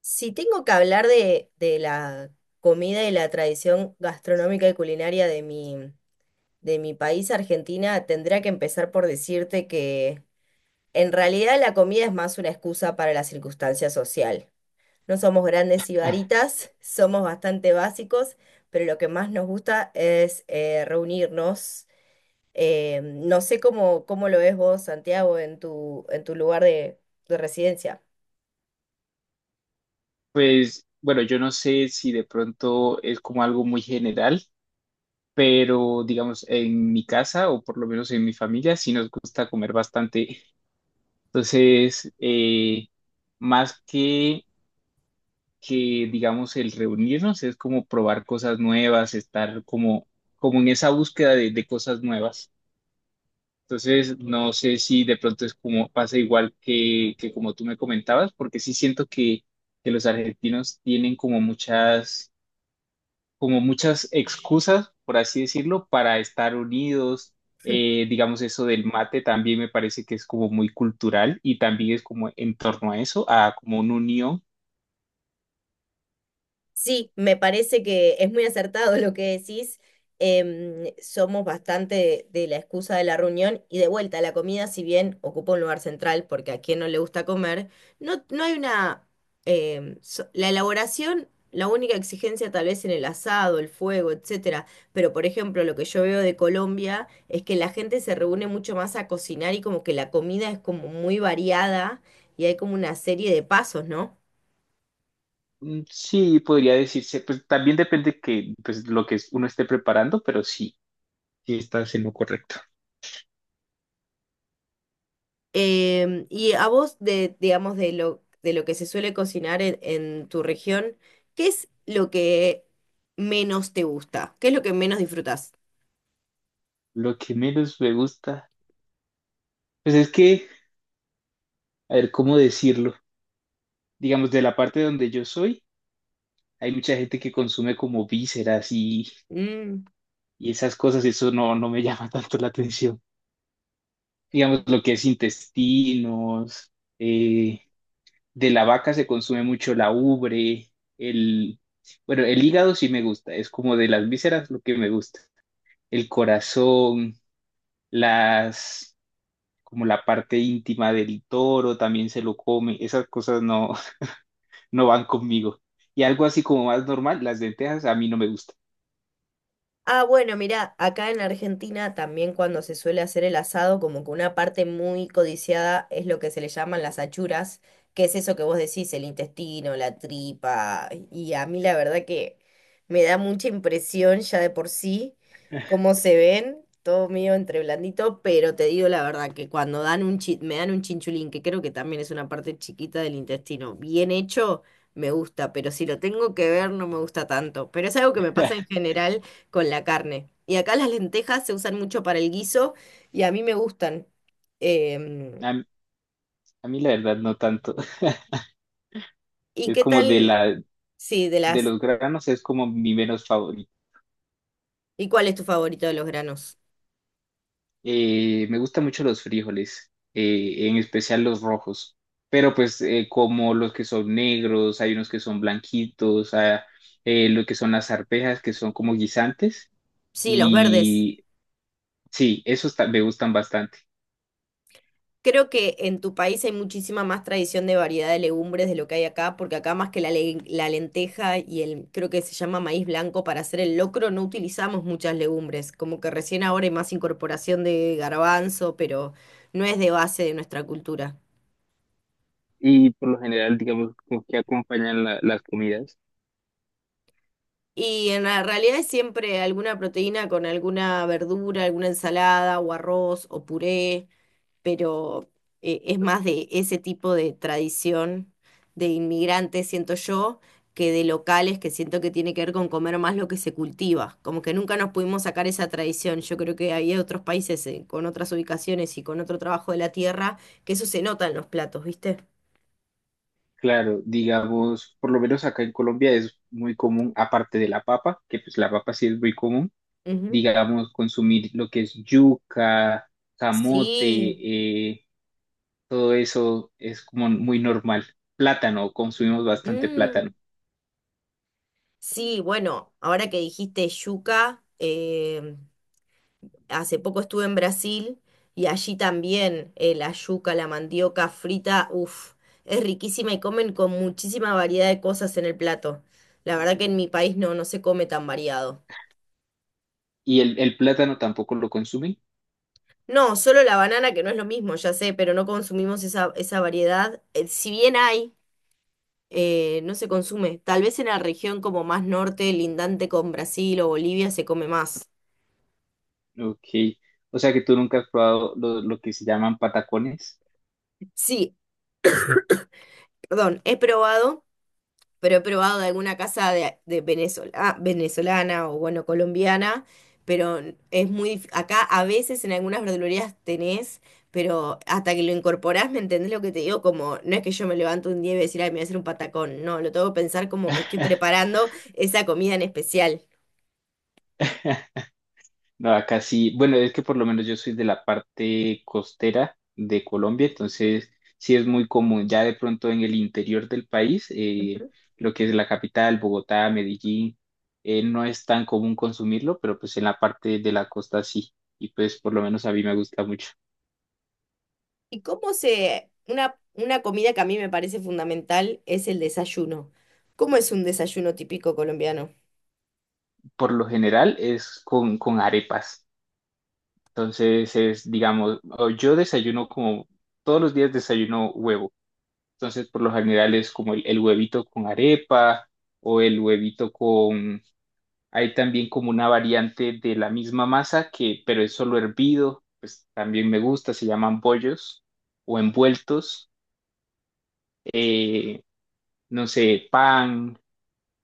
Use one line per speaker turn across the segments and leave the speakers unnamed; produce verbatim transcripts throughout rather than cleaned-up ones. Si tengo que hablar de, de la comida y la tradición gastronómica y culinaria de mi, de mi país, Argentina, tendría que empezar por decirte que en realidad la comida es más una excusa para la circunstancia social. No somos grandes sibaritas, somos bastante básicos, pero lo que más nos gusta es eh, reunirnos. Eh, no sé cómo, cómo lo ves vos, Santiago, en tu, en tu lugar de de residencia.
Pues bueno, yo no sé si de pronto es como algo muy general, pero digamos en mi casa o por lo menos en mi familia sí nos gusta comer bastante. Entonces, eh, más que, que digamos el reunirnos es como probar cosas nuevas, estar como, como en esa búsqueda de, de cosas nuevas. Entonces, no sé si de pronto es como pasa igual que, que como tú me comentabas, porque sí siento que, que los argentinos tienen como muchas como muchas excusas, por así decirlo, para estar unidos. Eh, digamos, eso del mate también me parece que es como muy cultural y también es como en torno a eso, a como una unión.
Sí, me parece que es muy acertado lo que decís. Em, somos bastante de, de la excusa de la reunión y de vuelta, la comida, si bien ocupa un lugar central, porque a quien no le gusta comer, no, no hay una... em, so- la elaboración, la única exigencia tal vez en el asado, el fuego, etcétera. Pero, por ejemplo, lo que yo veo de Colombia es que la gente se reúne mucho más a cocinar y como que la comida es como muy variada y hay como una serie de pasos, ¿no?
Mm, sí, podría decirse, pues también depende que pues lo que uno esté preparando, pero sí, sí estás en lo correcto.
Em, y a vos, de, digamos, de lo, de lo que se suele cocinar en, en tu región, ¿qué es lo que menos te gusta? ¿Qué es lo que menos disfrutas?
Lo que menos me gusta, pues es que, a ver, ¿cómo decirlo? Digamos, de la parte donde yo soy, hay mucha gente que consume como vísceras y, y esas cosas, eso no, no me llama tanto la atención. Digamos, lo que es intestinos, eh, de la vaca se consume mucho la ubre, el, bueno, el hígado sí me gusta, es como de las vísceras lo que me gusta, el corazón, las, como la parte íntima del toro también se lo come, esas cosas no, no van conmigo. Y algo así como más normal, las lentejas a mí no me gusta.
Ah, bueno, mira, acá en Argentina también cuando se suele hacer el asado, como que una parte muy codiciada es lo que se le llaman las achuras, que es eso que vos decís, el intestino, la tripa, y a mí la verdad que me da mucha impresión ya de por sí cómo se ven, todo medio entre blandito, pero te digo la verdad que cuando dan un chi- me dan un chinchulín, que creo que también es una parte chiquita del intestino, bien hecho, me gusta, pero si lo tengo que ver no me gusta tanto, pero es algo que me pasa en general con la carne. Y acá las lentejas se usan mucho para el guiso y a mí me gustan. Em,
A, a mí la verdad no tanto.
¿Y
Es
qué
como de
tal?
la,
Sí, de
de
las...
los granos es como mi menos favorito.
¿Y cuál es tu favorito de los granos?
Eh, me gustan mucho los frijoles, eh, en especial los rojos, pero pues eh, como los que son negros, hay unos que son blanquitos, ah, eh, lo que son las arvejas que son como guisantes
Sí, los verdes.
y sí, esos ta- me gustan bastante.
Creo que en tu país hay muchísima más tradición de variedad de legumbres de lo que hay acá, porque acá más que la, le- la lenteja y el, creo que se llama maíz blanco para hacer el locro, no utilizamos muchas legumbres. Como que recién ahora hay más incorporación de garbanzo, pero no es de base de nuestra cultura.
Y por lo general, digamos, con que acompañan la- las comidas.
Y en la realidad es siempre alguna proteína con alguna verdura, alguna ensalada o arroz o puré, pero eh, es más de ese tipo de tradición de inmigrantes, siento yo, que de locales que siento que tiene que ver con comer más lo que se cultiva. Como que nunca nos pudimos sacar esa tradición. Yo creo que había otros países eh, con otras ubicaciones y con otro trabajo de la tierra que eso se nota en los platos, ¿viste?
Claro, digamos, por lo menos acá en Colombia es muy común, aparte de la papa, que pues la papa sí es muy común
Ujú.
digamos, consumir lo que es yuca, camote,
Sí.
eh, todo eso es como muy normal. Plátano, consumimos bastante
Mm.
plátano.
Sí, bueno, ahora que dijiste yuca, eh, hace poco estuve en Brasil y allí también eh, la yuca, la mandioca frita, uff, es riquísima y comen con muchísima variedad de cosas en el plato. La verdad que en mi país no, no se come tan variado.
¿Y el, el plátano tampoco lo consumen?
No, solo la banana, que no es lo mismo, ya sé, pero no consumimos esa, esa variedad. Eh, si bien hay, eh, no se consume. Tal vez en la región como más norte, lindante con Brasil o Bolivia, se come más.
Ok. O sea que tú nunca has probado lo, lo que se llaman patacones.
Sí, perdón, he probado, pero he probado de alguna casa de, de Venezuela, ah, venezolana o bueno, colombiana, pero es muy, dif- acá a veces en algunas verdulerías tenés, pero hasta que lo incorporás, ¿me entendés lo que te digo? Como, no es que yo me levanto un día y voy a decir, ay, me voy a hacer un patacón, no, lo tengo que pensar como que estoy preparando esa comida en especial.
No, acá sí, bueno, es que por lo menos yo soy de la parte costera de Colombia, entonces sí es muy común, ya de pronto en el interior del país, eh,
Ujú.
lo que es la capital, Bogotá, Medellín, eh, no es tan común consumirlo, pero pues en la parte de la costa sí, y pues por lo menos a mí me gusta mucho.
¿Y cómo se, una, una comida que a mí me parece fundamental es el desayuno? ¿Cómo es un desayuno típico colombiano?
Por lo general es con, con arepas, entonces es, digamos, o yo desayuno como todos los días desayuno huevo. Entonces, por lo general es como el, el huevito con arepa o el huevito con... Hay también como una variante de la misma masa que, pero es solo hervido, pues también me gusta, se llaman bollos o envueltos. Eh, no sé, pan,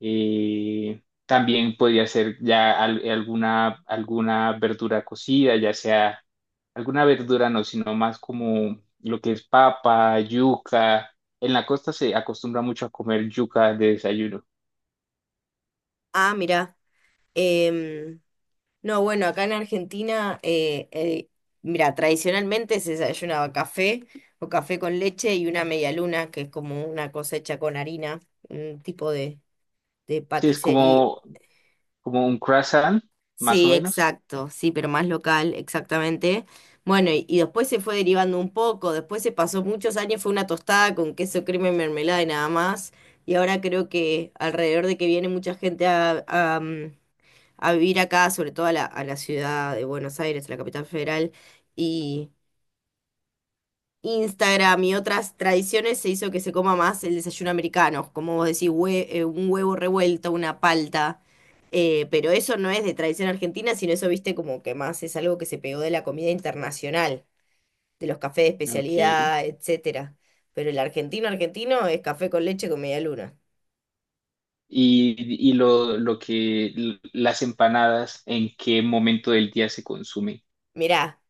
eh, también podría ser ya al- alguna, alguna verdura cocida, ya sea alguna verdura no, sino más como lo que es papa, yuca. En la costa se acostumbra mucho a comer yuca de desayuno.
Ah, mira. No, bueno, acá en Argentina, eh, eh, mira, tradicionalmente se desayunaba café o café con leche y una media luna, que es como una cosecha con harina, un tipo de, de
Sí, es
paticería.
como, como un croissant, más o
Sí,
menos.
exacto, sí, pero más local, exactamente. Bueno, y, y después se fue derivando un poco, después se pasó muchos años, fue una tostada con queso, crema y mermelada y nada más. Y ahora creo que alrededor de que viene mucha gente a, a, mm, a vivir acá, sobre todo a la, a la ciudad de Buenos Aires, a la capital federal, y Instagram y otras tradiciones se hizo que se coma más el desayuno americano, como vos decís, hue- eh, un huevo revuelto, una palta, eh, pero eso no es de tradición argentina, sino eso, viste, como que más es algo que se pegó de la comida internacional, de los cafés de
Ok. Y,
especialidad, etcétera. Pero el argentino argentino es café con leche con media luna.
y lo, lo que las empanadas, ¿en qué momento del día se consumen?
Mirá.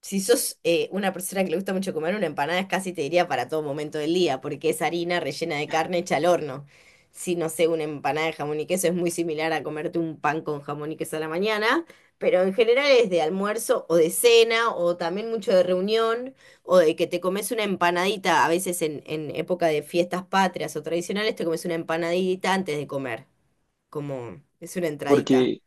Si sos eh, una persona que le gusta mucho comer, una empanada es casi te diría para todo momento del día, porque es harina rellena de carne hecha al horno. Si no sé, una empanada de jamón y queso es muy similar a comerte un pan con jamón y queso a la mañana, pero en general es de almuerzo o de cena, o también mucho de reunión, o de que te comes una empanadita, a veces en, en época de fiestas patrias o tradicionales, te comes una empanadita antes de comer, como es una entradita.
Porque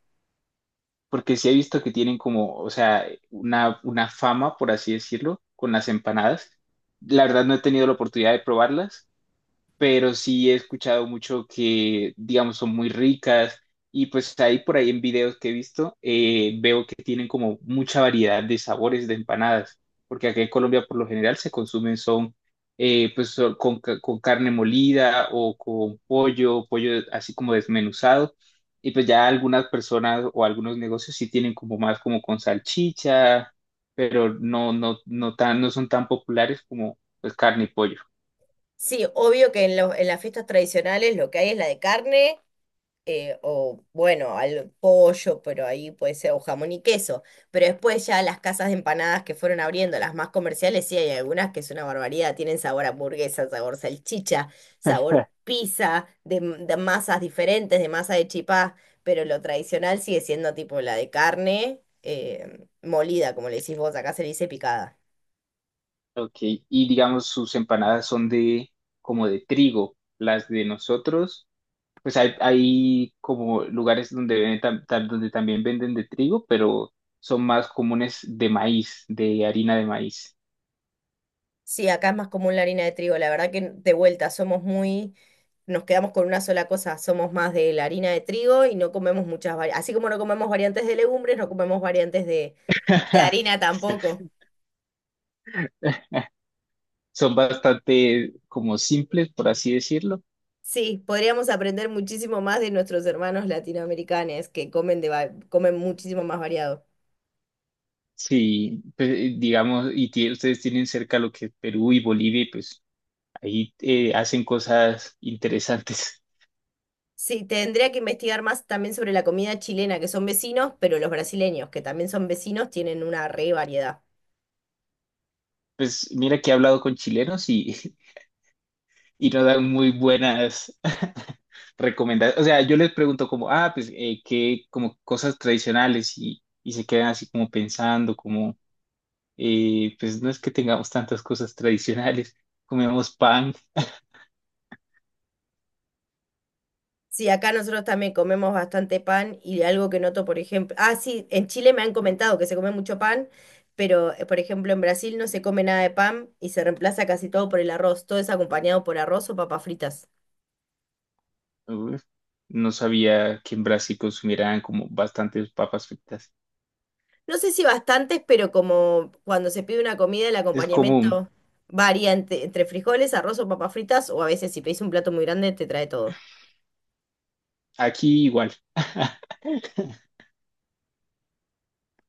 porque sí he visto que tienen como, o sea, una, una fama, por así decirlo, con las empanadas. La verdad no he tenido la oportunidad de probarlas, pero sí he escuchado mucho que, digamos, son muy ricas y pues ahí por ahí en videos que he visto, eh, veo que tienen como mucha variedad de sabores de empanadas, porque aquí en Colombia por lo general se consumen son, eh, pues son con, ca- con carne molida o con pollo, pollo así como desmenuzado. Y pues ya algunas personas o algunos negocios sí tienen como más como con salchicha, pero no, no, no tan, no son tan populares como pues carne y pollo.
Sí, obvio que en, los- en las fiestas tradicionales lo que hay es la de carne eh, o bueno, al pollo, pero ahí puede ser, o jamón y queso. Pero después ya las casas de empanadas que fueron abriendo, las más comerciales, sí hay algunas que es una barbaridad, tienen sabor a hamburguesa, sabor salchicha, sabor pizza, de, m- de masas diferentes, de masa de chipá, pero lo tradicional sigue siendo tipo la de carne, eh, molida, como le decís vos, acá se le dice picada.
Ok, y digamos sus empanadas son de como de trigo, las de nosotros, pues hay, hay como lugares donde venden tam- tam- donde también venden de trigo, pero son más comunes de maíz, de harina de maíz.
Sí, acá es más común la harina de trigo. La verdad que de vuelta somos muy, nos quedamos con una sola cosa. Somos más de la harina de trigo y no comemos muchas variantes. Así como no comemos variantes de legumbres, no comemos variantes de, de harina tampoco.
Son bastante como simples, por así decirlo.
Sí, podríamos aprender muchísimo más de nuestros hermanos latinoamericanos que comen de, va- comen muchísimo más variado.
Sí, pues, eh, digamos, y tie- ustedes tienen cerca lo que es Perú y Bolivia, y pues ahí eh, hacen cosas interesantes.
Sí, tendría que investigar más también sobre la comida chilena, que son vecinos, pero los brasileños, que también son vecinos, tienen una re variedad.
Pues mira que he hablado con chilenos y y no dan muy buenas recomendaciones. O sea, yo les pregunto como, ah, pues, eh, qué, como cosas tradicionales y, y se quedan así como pensando, como, eh, pues no es que tengamos tantas cosas tradicionales, comemos pan.
Sí, acá nosotros también comemos bastante pan y algo que noto, por ejemplo, ah, sí, en Chile me han comentado que se come mucho pan, pero eh, por ejemplo en Brasil no se come nada de pan y se reemplaza casi todo por el arroz, todo es acompañado por arroz o papas fritas.
Uf, no sabía que en Brasil consumieran como bastantes papas fritas.
No sé si bastantes, pero como cuando se pide una comida, el
Es común,
acompañamiento varía entre, entre frijoles, arroz o papas fritas, o a veces si pedís un plato muy grande te trae todo.
aquí igual.